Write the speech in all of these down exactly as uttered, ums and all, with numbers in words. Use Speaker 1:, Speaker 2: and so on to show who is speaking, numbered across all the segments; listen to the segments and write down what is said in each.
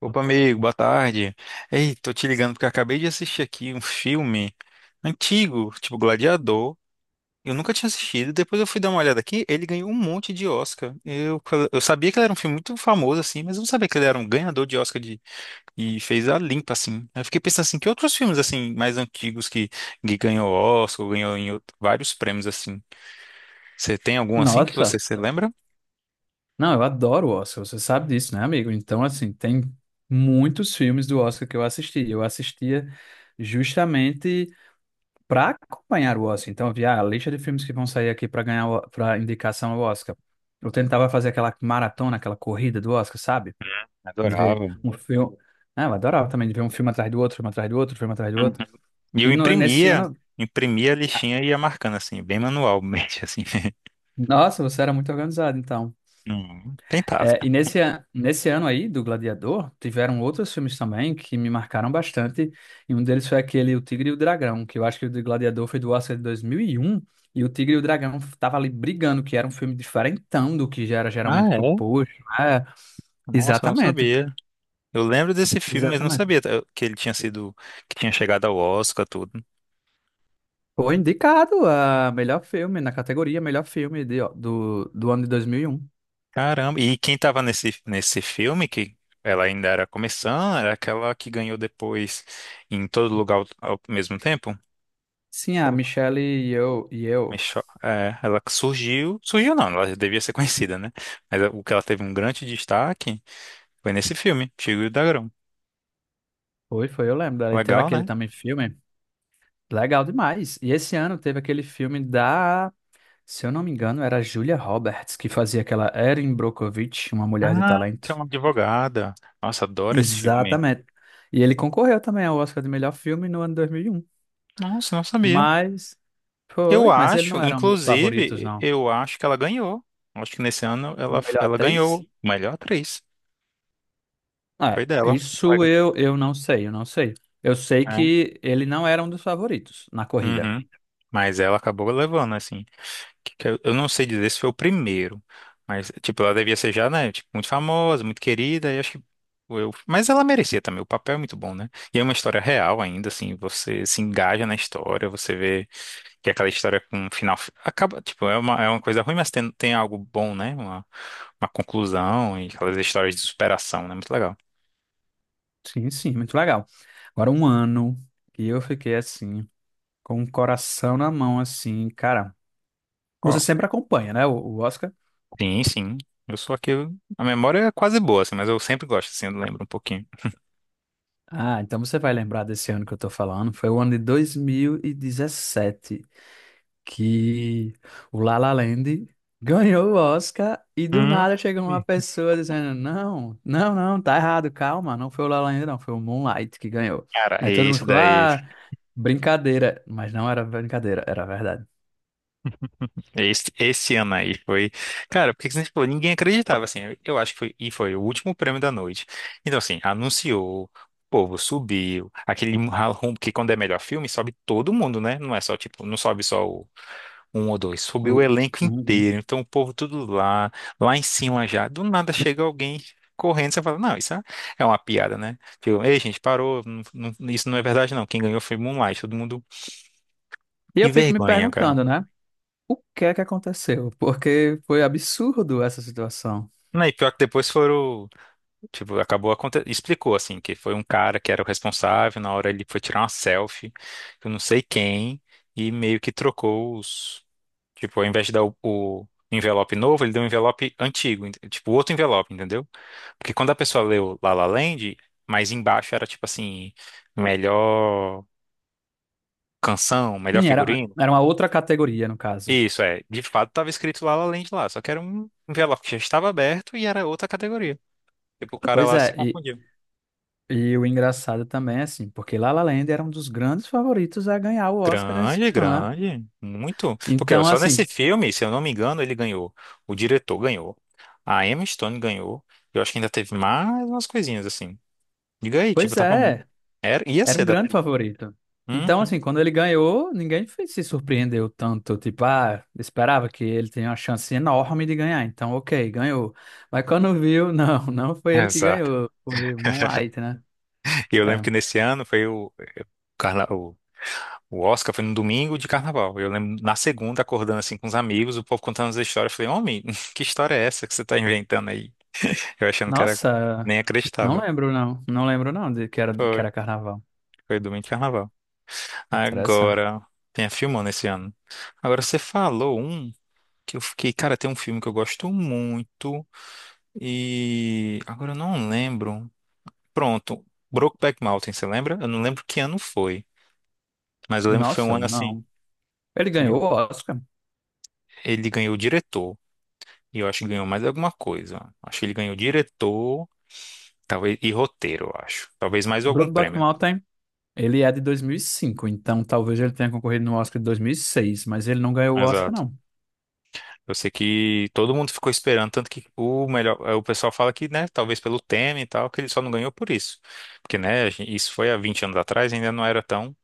Speaker 1: Opa, amigo, boa tarde. Ei, tô te ligando porque eu acabei de assistir aqui um filme antigo, tipo Gladiador. Eu nunca tinha assistido, depois eu fui dar uma olhada aqui, ele ganhou um monte de Oscar. Eu, eu sabia que ele era um filme muito famoso, assim, mas eu não sabia que ele era um ganhador de Oscar de, e fez a limpa, assim. Eu fiquei pensando assim, que outros filmes, assim, mais antigos que, que ganhou Oscar, ou ganhou em outro- vários prêmios, assim. Você tem algum assim que
Speaker 2: Nossa,
Speaker 1: você se lembra?
Speaker 2: não, eu adoro o Oscar, você sabe disso, né, amigo? Então, assim, tem muitos filmes do Oscar que eu assisti. Eu assistia justamente para acompanhar o Oscar. Então, eu via a lista de filmes que vão sair aqui para ganhar, para indicação ao Oscar. Eu tentava fazer aquela maratona, aquela corrida do Oscar, sabe? De ver
Speaker 1: Adorava.
Speaker 2: um filme. Ah, eu adorava também de ver um filme atrás do outro, filme atrás do outro, filme atrás do
Speaker 1: Uhum.
Speaker 2: outro.
Speaker 1: E eu
Speaker 2: E no- nesse
Speaker 1: imprimia,
Speaker 2: ano,
Speaker 1: imprimia a listinha e ia marcando assim, bem manualmente, assim.
Speaker 2: nossa, você era muito organizado, então.
Speaker 1: Não tentava.
Speaker 2: É, e nesse, a- nesse ano aí do Gladiador, tiveram outros filmes também que me marcaram bastante. E um deles foi aquele O Tigre e o Dragão, que eu acho que o do Gladiador foi do Oscar de dois mil e um. E um. E O Tigre e o Dragão tava ali brigando, que era um filme diferentão do que já era
Speaker 1: Ah,
Speaker 2: geralmente
Speaker 1: é?
Speaker 2: proposto. É,
Speaker 1: Nossa, eu não
Speaker 2: exatamente.
Speaker 1: sabia. Eu lembro desse filme, mas não
Speaker 2: Exatamente.
Speaker 1: sabia tá, que ele tinha sido, que tinha chegado ao Oscar, tudo.
Speaker 2: Foi indicado a melhor filme, na categoria melhor filme de- do, do ano de dois mil e um.
Speaker 1: Caramba, e quem tava nesse, nesse filme, que ela ainda era começando, era aquela que ganhou depois em todo lugar ao, ao mesmo tempo?
Speaker 2: Sim, a
Speaker 1: Qual-
Speaker 2: Michelle e eu. E eu.
Speaker 1: Michelle- É, ela que surgiu, surgiu não, ela já devia ser conhecida, né? Mas o que ela teve um grande destaque foi nesse filme, Chico e o Dragão.
Speaker 2: Foi, foi, eu lembro. E teve
Speaker 1: Legal,
Speaker 2: aquele
Speaker 1: né?
Speaker 2: também filme. Legal demais. E esse ano teve aquele filme da, se eu não me engano, era Julia Roberts, que fazia aquela Erin Brockovich, uma mulher de
Speaker 1: Ah, que é
Speaker 2: talento.
Speaker 1: uma advogada. Nossa, adoro esse filme.
Speaker 2: Exatamente. E ele concorreu também ao Oscar de melhor filme no ano dois mil e um.
Speaker 1: Nossa, não sabia.
Speaker 2: Mas
Speaker 1: Eu
Speaker 2: foi, mas ele
Speaker 1: acho,
Speaker 2: não era um dos favoritos,
Speaker 1: inclusive,
Speaker 2: não.
Speaker 1: eu acho que ela ganhou. Acho que nesse ano ela,
Speaker 2: Melhor
Speaker 1: ela
Speaker 2: atriz?
Speaker 1: ganhou melhor atriz.
Speaker 2: É,
Speaker 1: Foi dela.
Speaker 2: isso
Speaker 1: Legal.
Speaker 2: eu, eu não sei, eu não sei. Eu sei
Speaker 1: É.
Speaker 2: que ele não era um dos favoritos na corrida.
Speaker 1: Uhum. Mas ela acabou levando, assim. Que- que Eu eu não sei dizer se foi o primeiro. Mas, tipo, ela devia ser já, né? Tipo, muito famosa, muito querida. E acho que eu... Mas ela merecia também. O papel é muito bom, né? E é uma história real ainda, assim. Você se engaja na história, você vê. Que é aquela história com um final. Acaba, tipo, é uma, é uma coisa ruim, mas tem, tem algo bom, né? Uma, uma conclusão e aquelas histórias de superação, né? Muito legal.
Speaker 2: Sim, sim, muito legal. Agora um ano que eu fiquei assim. Com o coração na mão, assim, cara. Você
Speaker 1: Qual?
Speaker 2: sempre acompanha, né, o, o Oscar?
Speaker 1: Sim, sim. Eu sou aquele. A memória é quase boa, assim, mas eu sempre gosto, assim, eu lembro um pouquinho.
Speaker 2: Ah, então você vai lembrar desse ano que eu tô falando. Foi o ano de dois mil e dezessete que o La La Land ganhou o Oscar e do
Speaker 1: Hum.
Speaker 2: nada chegou uma pessoa dizendo: Não, não, não, tá errado, calma, não foi o La La Land, não, foi o Moonlight que ganhou.
Speaker 1: Cara,
Speaker 2: Aí todo mundo
Speaker 1: esse
Speaker 2: ficou:
Speaker 1: daí,
Speaker 2: Ah, brincadeira. Mas não era brincadeira, era verdade.
Speaker 1: esse, esse ano aí foi. Cara, porque que você falou? Ninguém acreditava, assim. Eu acho que foi, e foi o último prêmio da noite. Então, assim, anunciou, o povo subiu. Aquele ralrum, que quando é melhor filme, sobe todo mundo, né? Não é só, tipo, não sobe só o um ou dois. Subiu o
Speaker 2: O-
Speaker 1: elenco
Speaker 2: Uhum.
Speaker 1: inteiro. Então o povo tudo lá, lá em cima já. Do nada chega alguém correndo. Você fala, não, isso é é uma piada, né? Tipo, ei, gente, parou. não- não- isso não é verdade, não. Quem ganhou foi Moonlight. Todo mundo.
Speaker 2: E eu
Speaker 1: Que
Speaker 2: fico me
Speaker 1: vergonha, cara.
Speaker 2: perguntando, né? O que é que aconteceu? Porque foi absurdo essa situação.
Speaker 1: Não, e pior que depois foram. Tipo, acabou aconte... explicou assim que foi um cara que era o responsável, na hora ele foi tirar uma selfie, eu não sei quem, e meio que trocou os, tipo, ao invés de dar o, o envelope novo, ele deu um envelope antigo, ent- tipo, outro envelope, entendeu? Porque quando a pessoa leu La La Land, mais embaixo era tipo assim, melhor canção, melhor
Speaker 2: Sim, era,
Speaker 1: figurino.
Speaker 2: era uma outra categoria, no caso.
Speaker 1: Isso é, de fato tava escrito La La Land lá, só que era um envelope que já estava aberto e era outra categoria. Tipo, o cara
Speaker 2: Pois
Speaker 1: lá se
Speaker 2: é, e,
Speaker 1: confundiu.
Speaker 2: e o engraçado também, é assim, porque La La Land era um dos grandes favoritos a ganhar o Oscar esse
Speaker 1: Grande,
Speaker 2: ano, né?
Speaker 1: grande, muito. Porque ó,
Speaker 2: Então,
Speaker 1: só nesse
Speaker 2: assim,
Speaker 1: filme, se eu não me engano, ele ganhou. O diretor ganhou. A Emma Stone ganhou. Eu acho que ainda teve mais umas coisinhas assim. Diga aí, tipo,
Speaker 2: pois
Speaker 1: tava. mu-
Speaker 2: é,
Speaker 1: Era, ia
Speaker 2: era um
Speaker 1: ser da.
Speaker 2: grande favorito. Então,
Speaker 1: Uhum,
Speaker 2: assim, quando ele ganhou, ninguém fe- se surpreendeu tanto. Tipo, ah, esperava que ele tenha uma chance enorme de ganhar. Então, ok, ganhou. Mas quando viu, não, não foi ele que
Speaker 1: exato.
Speaker 2: ganhou. Foi Moonlight, né?
Speaker 1: E eu lembro
Speaker 2: É.
Speaker 1: que nesse ano foi o, carna... o, o Oscar foi no domingo de carnaval. Eu lembro na segunda acordando assim com os amigos, o povo contando as histórias. Eu falei, homem, que história é essa que você tá inventando aí? Eu achando que era.
Speaker 2: Nossa.
Speaker 1: Nem
Speaker 2: Não
Speaker 1: acreditava.
Speaker 2: lembro, não. Não lembro, não, de que era, que
Speaker 1: Foi.
Speaker 2: era carnaval.
Speaker 1: Foi domingo de carnaval.
Speaker 2: Interessante.
Speaker 1: Agora, tem filmando esse ano. Agora, você falou um que eu fiquei, cara, tem um filme que eu gosto muito e agora eu não lembro. Pronto, Brokeback Mountain, você lembra? Eu não lembro que ano foi, mas eu lembro que foi um
Speaker 2: Nossa,
Speaker 1: ano assim.
Speaker 2: não. Ele ganhou o
Speaker 1: eu-
Speaker 2: Oscar.
Speaker 1: Ele ganhou o diretor e eu acho que ganhou mais alguma coisa. Acho que ele ganhou diretor, talvez e roteiro, eu acho. Talvez mais algum
Speaker 2: Brokeback
Speaker 1: prêmio.
Speaker 2: Mountain, ele é de dois mil e cinco, então talvez ele tenha concorrido no Oscar de dois mil e seis, mas ele não ganhou o Oscar,
Speaker 1: Exato.
Speaker 2: não.
Speaker 1: Eu sei que todo mundo ficou esperando, tanto que o melhor, eh, o pessoal fala que, né, talvez pelo Temer e tal, que ele só não ganhou por isso. Porque, né, a gen- isso foi há vinte anos atrás, ainda não era tão,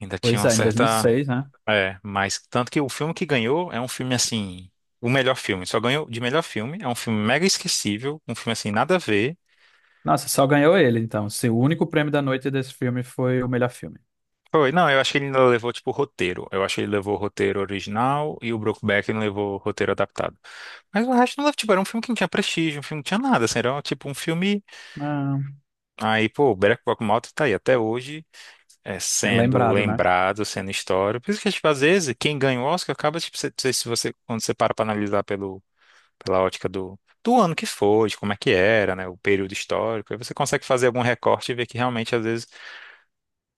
Speaker 1: ainda tinha
Speaker 2: Pois
Speaker 1: uma
Speaker 2: é, em
Speaker 1: certa,
Speaker 2: dois mil e seis, né?
Speaker 1: é, mas tanto que o filme que ganhou é um filme assim, o melhor filme, só ganhou de melhor filme, é um filme mega esquecível, um filme assim nada a ver.
Speaker 2: Nossa, só ganhou ele, então. Se o único prêmio da noite desse filme foi o melhor filme.
Speaker 1: Foi, não, eu acho que ele ainda levou tipo roteiro. Eu acho que ele levou o roteiro original e o Brokeback não levou o roteiro adaptado. Mas o resto não levou, tipo, era um filme que não tinha prestígio, um filme que não tinha nada, assim, era tipo um filme.
Speaker 2: Ah,
Speaker 1: Aí, pô, Better Call Malta tá aí até hoje, é,
Speaker 2: é
Speaker 1: sendo
Speaker 2: lembrado, né?
Speaker 1: lembrado, sendo história. Por isso que, tipo, às vezes, quem ganha o Oscar acaba, tipo, se- se- se você, quando você para pra analisar pelo, pela ótica do, do ano que foi, de como é que era, né, o período histórico, aí você consegue fazer algum recorte e ver que realmente, às vezes,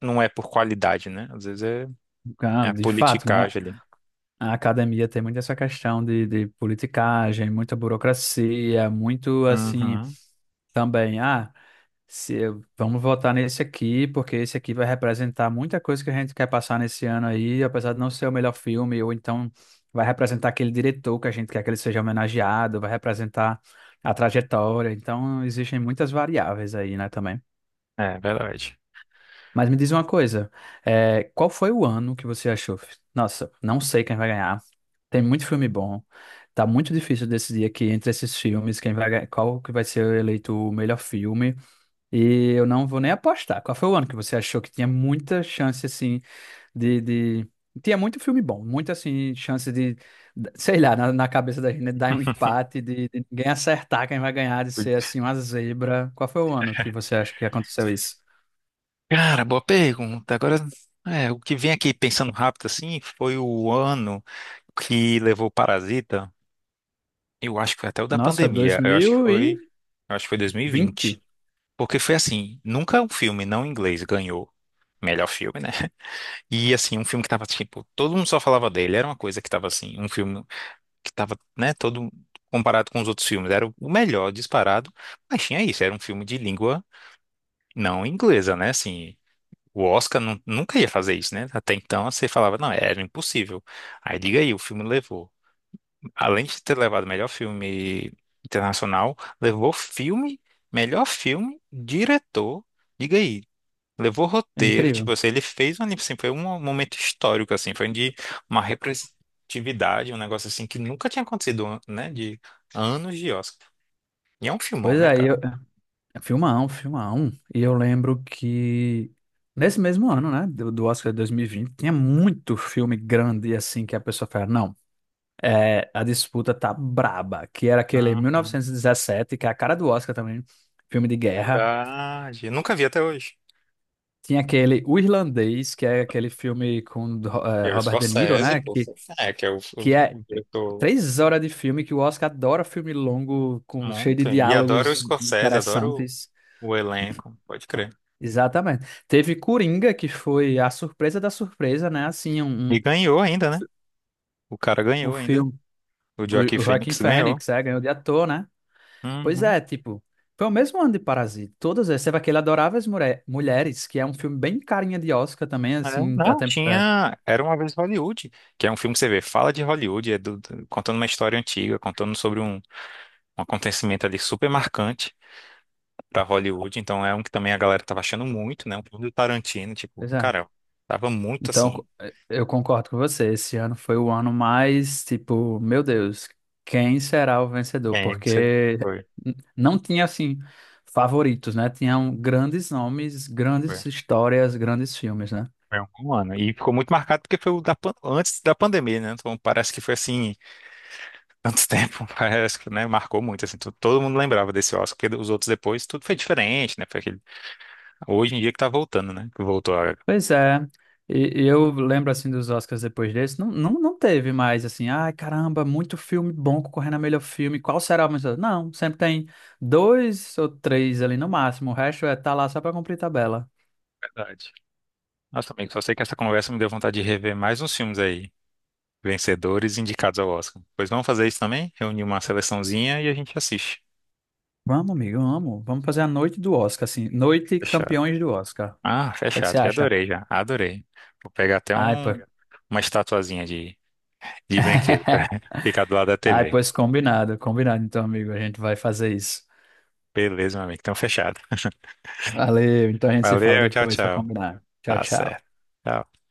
Speaker 1: não é por qualidade, né? Às vezes é,
Speaker 2: Ah,
Speaker 1: é a
Speaker 2: de fato, né?
Speaker 1: politicagem ali.
Speaker 2: A academia tem muito essa questão de, de politicagem, muita burocracia, muito assim,
Speaker 1: Uhum.
Speaker 2: também. Ah. Se eu- Vamos votar nesse aqui, porque esse aqui vai representar muita coisa que a gente quer passar nesse ano aí, apesar de não ser o melhor filme, ou então vai representar aquele diretor que a gente quer que ele seja homenageado, vai representar a trajetória. Então, existem muitas variáveis aí, né, também.
Speaker 1: É, verdade.
Speaker 2: Mas me diz uma coisa, é, qual foi o ano que você achou? Nossa, não sei quem vai ganhar. Tem muito filme bom. Tá muito difícil decidir aqui entre esses filmes quem vai, ganhar- qual que vai ser eleito o melhor filme. E eu não vou nem apostar. Qual foi o ano que você achou que tinha muita chance, assim, de, de... Tinha muito filme bom, muita, assim, chance de, sei lá, na, na cabeça da gente né, dar um empate, de, de ninguém acertar quem vai ganhar, de ser, assim, uma zebra. Qual foi o ano que você acha que aconteceu isso?
Speaker 1: Cara, boa pergunta. Agora, é, o que vem aqui pensando rápido assim foi o ano que levou o Parasita. Eu acho que foi até o da
Speaker 2: Nossa, dois
Speaker 1: pandemia. Eu acho que
Speaker 2: mil e
Speaker 1: foi, eu acho que foi dois mil e vinte.
Speaker 2: vinte,
Speaker 1: Porque foi assim, nunca um filme não inglês ganhou melhor filme, né? E assim, um filme que tava tipo, todo mundo só falava dele, era uma coisa que tava assim, um filme que tava, né, todo comparado com os outros filmes, era o melhor disparado, mas tinha isso, era um filme de língua não inglesa, né? Assim, o Oscar nu- nunca ia fazer isso, né? Até então você falava, não, era impossível. Aí liga aí, o filme levou. Além de ter levado melhor filme internacional, levou filme, melhor filme, diretor, liga aí. Levou roteiro, tipo
Speaker 2: Incrível.
Speaker 1: assim, ele fez um, anime, assim, foi um momento histórico, assim, foi de uma representatividade, um negócio assim que nunca tinha acontecido, né? De anos de Oscar. E é um filmão,
Speaker 2: Pois
Speaker 1: né,
Speaker 2: é, eu...
Speaker 1: cara?
Speaker 2: é, filmão, filmão. E eu lembro que nesse mesmo ano, né, do, do Oscar de dois mil e vinte, tinha muito filme grande, assim, que a pessoa fala, não. É, a disputa tá braba, que era aquele
Speaker 1: Aham,
Speaker 2: mil novecentos e dezessete, que é a cara do Oscar também, filme de guerra.
Speaker 1: verdade. Eu nunca vi até hoje.
Speaker 2: Tinha aquele O Irlandês, que é aquele filme com do-
Speaker 1: E
Speaker 2: eh,
Speaker 1: é o
Speaker 2: Robert De Niro,
Speaker 1: Scorsese,
Speaker 2: né?
Speaker 1: pô,
Speaker 2: Que,
Speaker 1: é, que é o, o-
Speaker 2: que é
Speaker 1: o diretor
Speaker 2: três horas de filme, que o Oscar adora filme longo, com, cheio de
Speaker 1: muito. E adoro o
Speaker 2: diálogos
Speaker 1: Scorsese, adoro
Speaker 2: interessantes.
Speaker 1: o, o elenco, pode crer.
Speaker 2: Exatamente. Teve Coringa, que foi a surpresa da surpresa, né? Assim, um,
Speaker 1: E
Speaker 2: um-
Speaker 1: ganhou ainda, né? O cara
Speaker 2: o
Speaker 1: ganhou ainda.
Speaker 2: filme,
Speaker 1: O
Speaker 2: o,
Speaker 1: Joaquin
Speaker 2: o Joaquin
Speaker 1: Phoenix ganhou.
Speaker 2: Phoenix, é, ganhou de ator, né? Pois
Speaker 1: Uhum.
Speaker 2: é, tipo, foi o mesmo ano de Parasita. Todas essas. Teve aquele Adoráveis Mure- Mulheres, que é um filme bem carinha de Oscar também,
Speaker 1: É,
Speaker 2: assim.
Speaker 1: não,
Speaker 2: Até, é,
Speaker 1: tinha. Era uma vez em Hollywood, que é um filme que você vê, fala de Hollywood, é do- do- contando uma história antiga, contando sobre um, um acontecimento ali super marcante pra Hollywood. Então é um que também a galera tava achando muito, né? Um filme do Tarantino, tipo,
Speaker 2: pois é.
Speaker 1: cara, tava muito
Speaker 2: Então,
Speaker 1: assim.
Speaker 2: co- é, eu concordo com você. Esse ano foi o ano mais, tipo, meu Deus, quem será o vencedor?
Speaker 1: É, isso aí
Speaker 2: Porque
Speaker 1: foi.
Speaker 2: n- não tinha, assim, favoritos, né? Tinham grandes nomes,
Speaker 1: Foi.
Speaker 2: grandes histórias, grandes filmes, né?
Speaker 1: Foi um ano. E ficou muito marcado porque foi o da, pan- antes da pandemia, né? Então parece que foi assim, tanto tempo, parece que, né? Marcou muito, assim, to- todo mundo lembrava desse Oscar, porque os outros depois tudo foi diferente, né? Foi aquele... Hoje em dia que tá voltando, né? Que voltou a...
Speaker 2: Pois é, e e eu lembro assim dos Oscars depois desse, não, não, não teve mais assim, ai caramba, muito filme bom concorrendo a melhor filme, qual será o melhor? Não, sempre tem dois ou três ali no máximo, o resto é tá lá só pra cumprir tabela.
Speaker 1: Verdade. Nossa, amigo, só sei que essa conversa me deu vontade de rever mais uns filmes aí, vencedores e indicados ao Oscar. Pois vamos fazer isso também? Reunir uma seleçãozinha e a gente assiste.
Speaker 2: Vamos, amigo, vamos, vamos fazer a noite do Oscar, assim, noite
Speaker 1: Fechado.
Speaker 2: campeões do Oscar. O
Speaker 1: Ah,
Speaker 2: que é que você
Speaker 1: fechado, já
Speaker 2: acha?
Speaker 1: adorei, já. Adorei. Vou pegar até
Speaker 2: Ai, pô.
Speaker 1: um... uma estatuazinha de De brinquedo. ficar do lado da
Speaker 2: Ai,
Speaker 1: T V.
Speaker 2: pois combinado, combinado então, amigo, a gente vai fazer isso.
Speaker 1: Beleza, meu amigo. Então, fechado.
Speaker 2: Valeu, então a gente se fala
Speaker 1: Valeu, tchau,
Speaker 2: depois pra
Speaker 1: tchau.
Speaker 2: combinar. Tchau,
Speaker 1: Tá certo.
Speaker 2: tchau.
Speaker 1: Tchau.